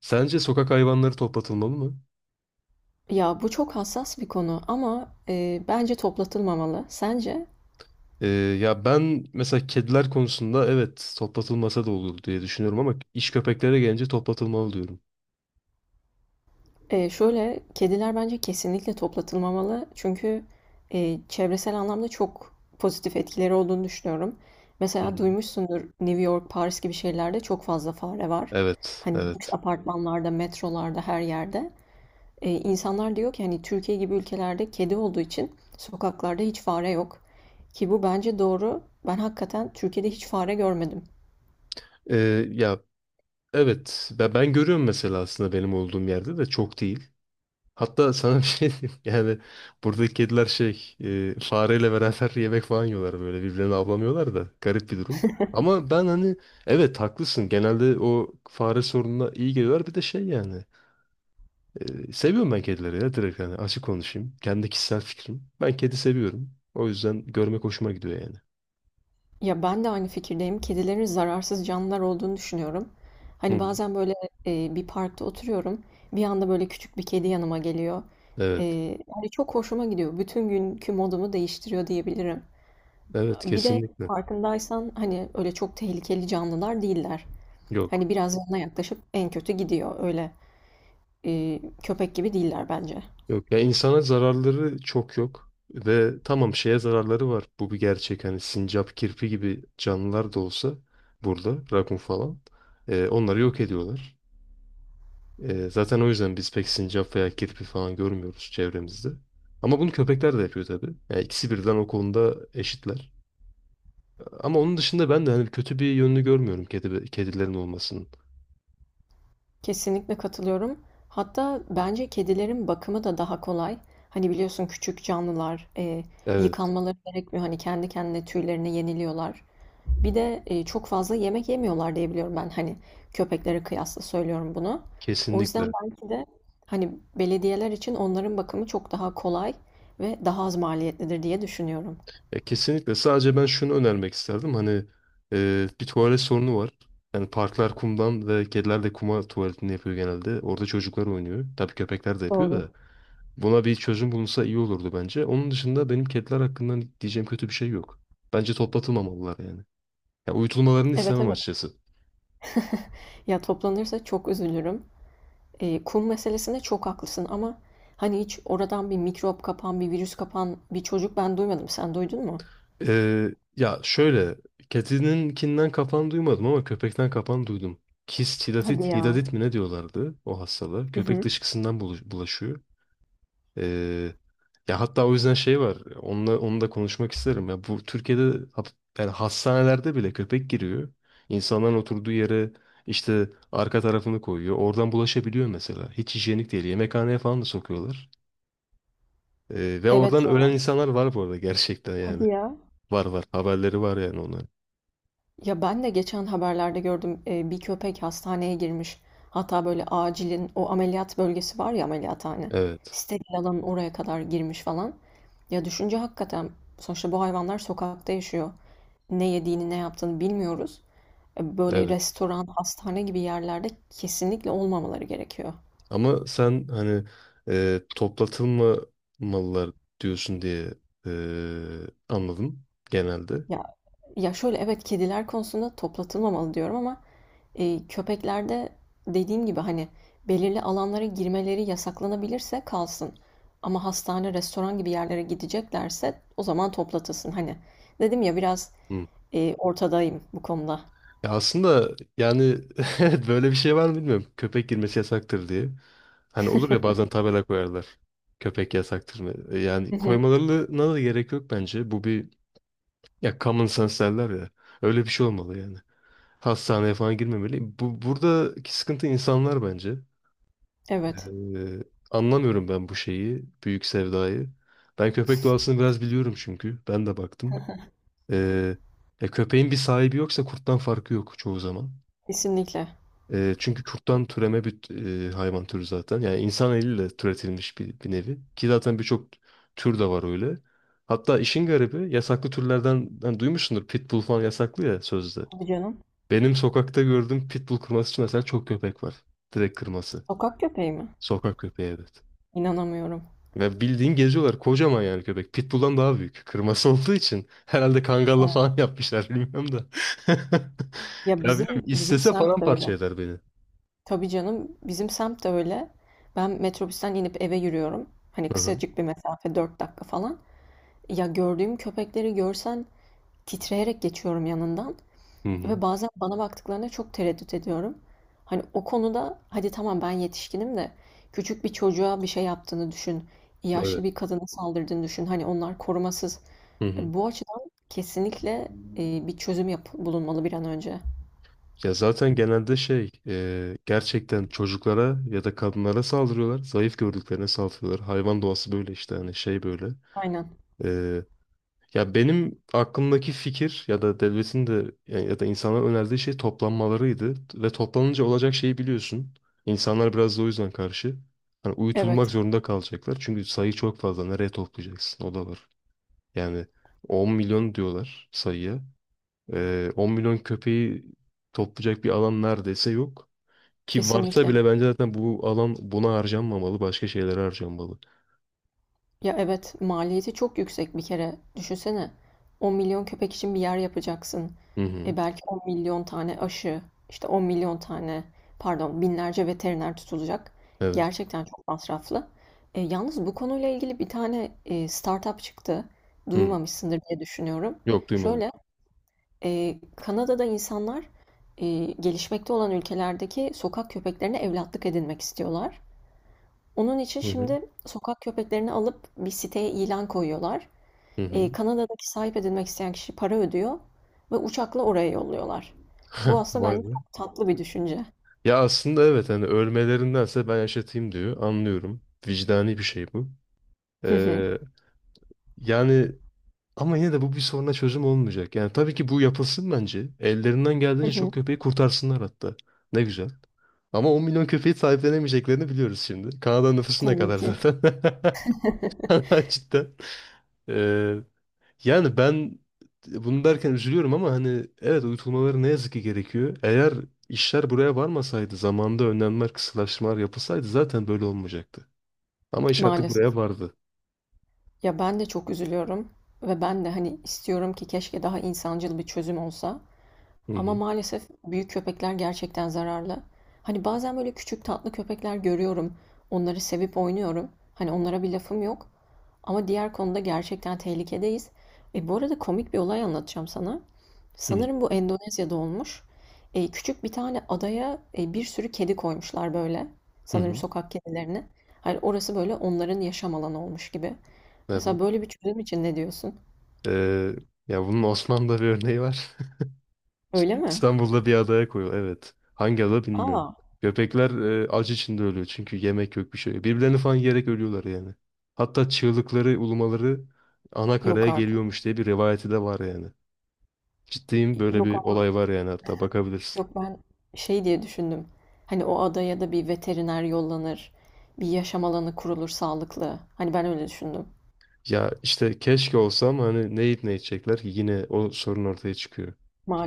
Sence sokak hayvanları toplatılmalı mı? Ya bu çok hassas bir konu ama bence toplatılmamalı. Sence? Ee, ya ben mesela kediler konusunda evet toplatılmasa da olur diye düşünüyorum ama iş köpeklere gelince toplatılmalı diyorum. Şöyle kediler bence kesinlikle toplatılmamalı. Çünkü çevresel anlamda çok pozitif etkileri olduğunu düşünüyorum. Hı Mesela hı. duymuşsundur New York, Paris gibi şehirlerde çok fazla fare var. Evet, Hani lüks evet. apartmanlarda, metrolarda, her yerde. İnsanlar diyor ki hani Türkiye gibi ülkelerde kedi olduğu için sokaklarda hiç fare yok. Ki bu bence doğru. Ben hakikaten Türkiye'de hiç fare görmedim. Ya evet ben görüyorum mesela aslında benim olduğum yerde de çok değil. Hatta sana bir şey diyeyim yani buradaki kediler şey fareyle beraber yemek falan yiyorlar böyle birbirlerini avlamıyorlar da garip bir durum. Ama ben hani evet haklısın genelde o fare sorununa iyi geliyorlar bir de şey yani. Seviyorum ben kedileri ya direkt yani açık konuşayım. Kendi kişisel fikrim. Ben kedi seviyorum. O yüzden görmek hoşuma gidiyor yani. Ya, ben de aynı fikirdeyim. Kedilerin zararsız canlılar olduğunu düşünüyorum. Hı Hani, hı. bazen, böyle, bir parkta oturuyorum, bir anda, böyle, küçük bir kedi yanıma geliyor. Eee, Evet. yani, çok hoşuma gidiyor. Bütün günkü modumu değiştiriyor diyebilirim. Evet Bir de kesinlikle. farkındaysan, hani, öyle çok tehlikeli canlılar değiller. Yok. Hani, biraz yanına yaklaşıp en kötü gidiyor. Öyle, köpek gibi değiller bence. Yok. Ya insana zararları çok yok. Ve tamam şeye zararları var. Bu bir gerçek. Hani sincap, kirpi gibi canlılar da olsa burada rakun falan. Onları yok ediyorlar. Zaten o yüzden biz pek sincap veya kirpi falan görmüyoruz çevremizde. Ama bunu köpekler de yapıyor tabii. Yani ikisi birden o konuda eşitler. Ama onun dışında ben de hani kötü bir yönünü görmüyorum kedilerin olmasının. Kesinlikle katılıyorum. Hatta bence kedilerin bakımı da daha kolay. Hani biliyorsun küçük canlılar Evet, yıkanmaları gerekmiyor. Hani kendi kendine tüylerini yeniliyorlar. Bir de çok fazla yemek yemiyorlar diye biliyorum ben. Hani köpeklere kıyasla söylüyorum bunu. O yüzden kesinlikle. belki de hani belediyeler için onların bakımı çok daha kolay ve daha az maliyetlidir diye düşünüyorum. Ya kesinlikle. Sadece ben şunu önermek isterdim. Hani bir tuvalet sorunu var. Yani parklar kumdan ve kediler de kuma tuvaletini yapıyor genelde. Orada çocuklar oynuyor. Tabii köpekler de yapıyor Doğru. da. Buna bir çözüm bulunsa iyi olurdu bence. Onun dışında benim kediler hakkında diyeceğim kötü bir şey yok. Bence toplatılmamalılar yani. Ya uyutulmalarını Evet, istemem evet. açıkçası. Ya toplanırsa çok üzülürüm. Kum meselesinde çok haklısın ama hani hiç oradan bir mikrop kapan, bir virüs kapan bir çocuk ben duymadım. Sen duydun mu? Ya şöyle, kedininkinden kapan duymadım ama köpekten kapan duydum. Kist Hadi hidatit, ya. hidatit mi ne diyorlardı o hastalığı? Hı Köpek hı. dışkısından bulaşıyor. Ee, ya hatta o yüzden şey var. Onunla, onu da konuşmak isterim. Ya bu Türkiye'de hap- yani hastanelerde bile köpek giriyor. İnsanların oturduğu yere işte arka tarafını koyuyor. Oradan bulaşabiliyor mesela. Hiç hijyenik değil. Yemekhaneye falan da sokuyorlar. Ve Evet oradan ya. ölen insanlar var bu arada gerçekten yani. Hadi ya. Var var. Haberleri var yani onların. Ya ben de geçen haberlerde gördüm bir köpek hastaneye girmiş. Hatta böyle acilin o ameliyat bölgesi var ya, ameliyathane. Evet, Steril alanın oraya kadar girmiş falan. Ya düşünce hakikaten sonuçta bu hayvanlar sokakta yaşıyor. Ne yediğini ne yaptığını bilmiyoruz. Böyle evet. restoran, hastane gibi yerlerde kesinlikle olmamaları gerekiyor. Ama sen hani toplatılmamalılar diyorsun diye e, anladım genelde. Ya ya, şöyle evet, kediler konusunda toplatılmamalı diyorum ama köpeklerde dediğim gibi hani belirli alanlara girmeleri yasaklanabilirse kalsın. Ama hastane, restoran gibi yerlere gideceklerse o zaman toplatılsın. Hani dedim ya biraz Hı. Ortadayım bu konuda. Ya aslında yani evet, böyle bir şey var mı bilmiyorum. Köpek girmesi yasaktır diye. Hani olur ya bazen tabela koyarlar. Köpek yasaktır mı? Yani Hı hı. koymalarına da gerek yok bence. Bu bir ya common sense derler ya. Öyle bir şey olmalı yani. Hastaneye falan girmemeli. Bu buradaki sıkıntı insanlar bence. Evet, Ee, anlamıyorum ben bu şeyi, büyük sevdayı. Ben köpek doğasını biraz biliyorum çünkü. Ben de baktım. Ee, köpeğin bir sahibi yoksa kurttan farkı yok çoğu zaman. kesinlikle. Çünkü kurttan türeme bir hayvan türü zaten. Yani insan eliyle türetilmiş bir nevi. Ki zaten birçok tür de var öyle. Hatta işin garibi yasaklı türlerden hani duymuşsundur. Pitbull falan yasaklı ya sözde. Tabii canım. Benim sokakta gördüğüm pitbull kırması için mesela çok köpek var. Direkt kırması. Sokak köpeği mi? Sokak köpeği evet. İnanamıyorum. Ve bildiğin geziyorlar. Kocaman yani köpek. Pitbull'dan daha büyük. Kırması olduğu için. Herhalde kangalla Ha. falan yapmışlar bilmiyorum da. Ya Ya bilmiyorum. bizim İstese semt de paramparça öyle. eder beni. Tabii canım, bizim semt de öyle. Ben metrobüsten inip eve yürüyorum. Hani Hı hı. kısacık bir mesafe, 4 dakika falan. Ya gördüğüm köpekleri görsen titreyerek geçiyorum yanından. Hı hı. Ve bazen bana baktıklarında çok tereddüt ediyorum. Hani o konuda hadi tamam, ben yetişkinim de küçük bir çocuğa bir şey yaptığını düşün. Evet. Yaşlı bir kadına saldırdığını düşün. Hani onlar korumasız. Hı hı. Bu açıdan kesinlikle bir çözüm bulunmalı bir an önce. Ya zaten genelde şey gerçekten çocuklara ya da kadınlara saldırıyorlar. Zayıf gördüklerine saldırıyorlar. Hayvan doğası böyle işte hani şey böyle. Aynen. E, Ya benim aklımdaki fikir ya da devletin de ya ya da insanlara önerdiği şey toplanmalarıydı. Ve toplanınca olacak şeyi biliyorsun. İnsanlar biraz da o yüzden karşı. Hani uyutulmak Evet, zorunda kalacaklar. Çünkü sayı çok fazla. Nereye toplayacaksın? O da var. Yani 10 milyon diyorlar sayıya. 10 milyon köpeği toplayacak bir alan neredeyse yok. Ki varsa kesinlikle. bile bence zaten bu alan buna harcanmamalı. Başka şeylere harcanmalı. Ya evet, maliyeti çok yüksek bir kere. Düşünsene, 10 milyon köpek için bir yer yapacaksın. Hı hı. E belki 10 milyon tane aşı, işte 10 milyon tane, pardon, binlerce veteriner tutulacak. Evet. Gerçekten çok masraflı. Yalnız bu konuyla ilgili bir tane startup çıktı. Hı. Duymamışsındır diye düşünüyorum. Yok duymadım. Şöyle, Kanada'da insanlar gelişmekte olan ülkelerdeki sokak köpeklerine evlatlık edinmek istiyorlar. Onun için Hı hı. şimdi sokak köpeklerini alıp bir siteye ilan koyuyorlar. Hı hı. Kanada'daki sahip edilmek isteyen kişi para ödüyor ve uçakla oraya yolluyorlar. Bu aslında Vay bence be. çok tatlı bir düşünce. Ya aslında evet hani ölmelerindense ben yaşatayım diyor. Anlıyorum. Vicdani bir şey bu. Hı hı, Ee, yani ama yine de bu bir soruna çözüm olmayacak. Yani tabii ki bu yapılsın bence. Ellerinden hı geldiğince hı. çok köpeği kurtarsınlar hatta. Ne güzel. Ama 10 milyon köpeği sahiplenemeyeceklerini biliyoruz şimdi. Kanada nüfusu ne Tabii kadar ki. zaten? Cidden. Ee, yani ben bunu derken üzülüyorum ama hani evet uyutulmaları ne yazık ki gerekiyor. Eğer işler buraya varmasaydı, zamanda önlemler, kısıtlaştırmalar yapılsaydı zaten böyle olmayacaktı. Ama iş artık Maalesef. buraya vardı. Ya ben de çok üzülüyorum ve ben de hani istiyorum ki keşke daha insancıl bir çözüm olsa. Hı Ama hı. maalesef büyük köpekler gerçekten zararlı. Hani bazen böyle küçük tatlı köpekler görüyorum. Onları sevip oynuyorum. Hani onlara bir lafım yok. Ama diğer konuda gerçekten tehlikedeyiz. Bu arada komik bir olay anlatacağım sana. Hı Sanırım bu Endonezya'da olmuş. Küçük bir tane adaya bir sürü kedi koymuşlar böyle. hı. Sanırım Hı. sokak kedilerini. Hani orası böyle onların yaşam alanı olmuş gibi. Mesela Evet. böyle bir çözüm için ne diyorsun? Ee, ya bunun Osmanlı'da bir örneği var. Öyle mi? İstanbul'da bir adaya koyuyor. Evet. Hangi ada Aa, bilmiyorum. Köpekler acı içinde ölüyor çünkü yemek yok bir şey. Yok. Birbirlerini falan yiyerek ölüyorlar yani. Hatta çığlıkları, ulumaları ana yok karaya artık. geliyormuş diye bir rivayeti de var yani. Ciddiyim böyle Yok bir ama- olay var yani hatta bakabilirsin. yok, ben şey diye düşündüm. Hani o adaya da bir veteriner yollanır, bir yaşam alanı kurulur sağlıklı. Hani ben öyle düşündüm. Ya işte keşke olsa ama hani ne yiyip ne içecekler ki yine o sorun ortaya çıkıyor.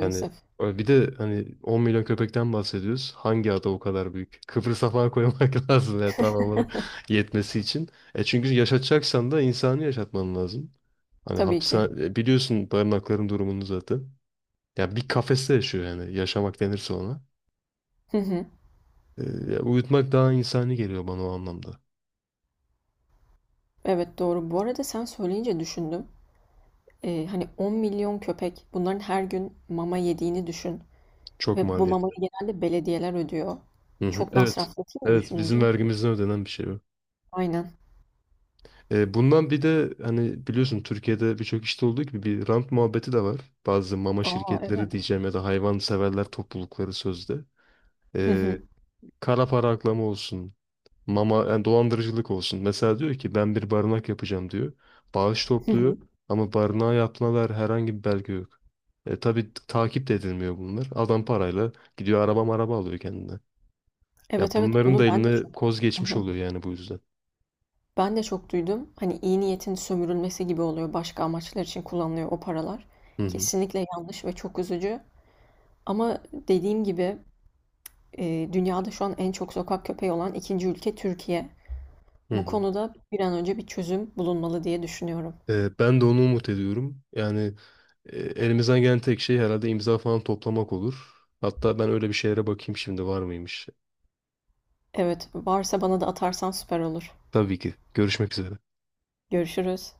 Yani bir de hani 10 milyon köpekten bahsediyoruz. Hangi ada o kadar büyük? Kıbrıs'a falan koymak lazım ya tamamını yetmesi için. Çünkü yaşatacaksan da insanı yaşatman lazım. Hani Tabii ki. hapishane biliyorsun barınakların durumunu zaten. Ya bir kafeste yaşıyor yani yaşamak denirse ona. E, ya uyutmak daha insani geliyor bana o anlamda. Evet, doğru. Bu arada sen söyleyince düşündüm. Hani 10 milyon köpek, bunların her gün mama yediğini düşün. Çok Ve bu mamayı maliyetli. genelde belediyeler ödüyor. Hı hı. Çok Evet. masraflı değil mi Evet bizim düşününce? vergimizden ödenen bir şey o. Aynen. Bundan bir de hani biliyorsun Türkiye'de birçok işte olduğu gibi bir rant muhabbeti de var. Bazı mama Aa şirketleri evet. diyeceğim ya da hayvan severler toplulukları sözde. Hı hı, E, kara para aklama olsun. Mama yani dolandırıcılık olsun. Mesela diyor ki ben bir barınak yapacağım diyor. Bağış hı topluyor hı. ama barınağa yaptığına dair herhangi bir belge yok. Tabii takip de edilmiyor bunlar. Adam parayla gidiyor araba maraba alıyor kendine. Ya Evet, evet, bunların bunu da ben de çok eline koz hı geçmiş hı. oluyor yani bu yüzden. Ben de çok duydum. Hani iyi niyetin sömürülmesi gibi oluyor. Başka amaçlar için kullanılıyor o paralar. Hı hı, Kesinlikle yanlış ve çok üzücü. Ama dediğim gibi dünyada şu an en çok sokak köpeği olan ikinci ülke Türkiye. hı Bu hı. konuda bir an önce bir çözüm bulunmalı diye düşünüyorum. Ben de onu umut ediyorum. Yani elimizden gelen tek şey herhalde imza falan toplamak olur. Hatta ben öyle bir şeylere bakayım şimdi var mıymış. Evet, varsa bana da atarsan süper olur. Tabii ki. Görüşmek üzere. Görüşürüz.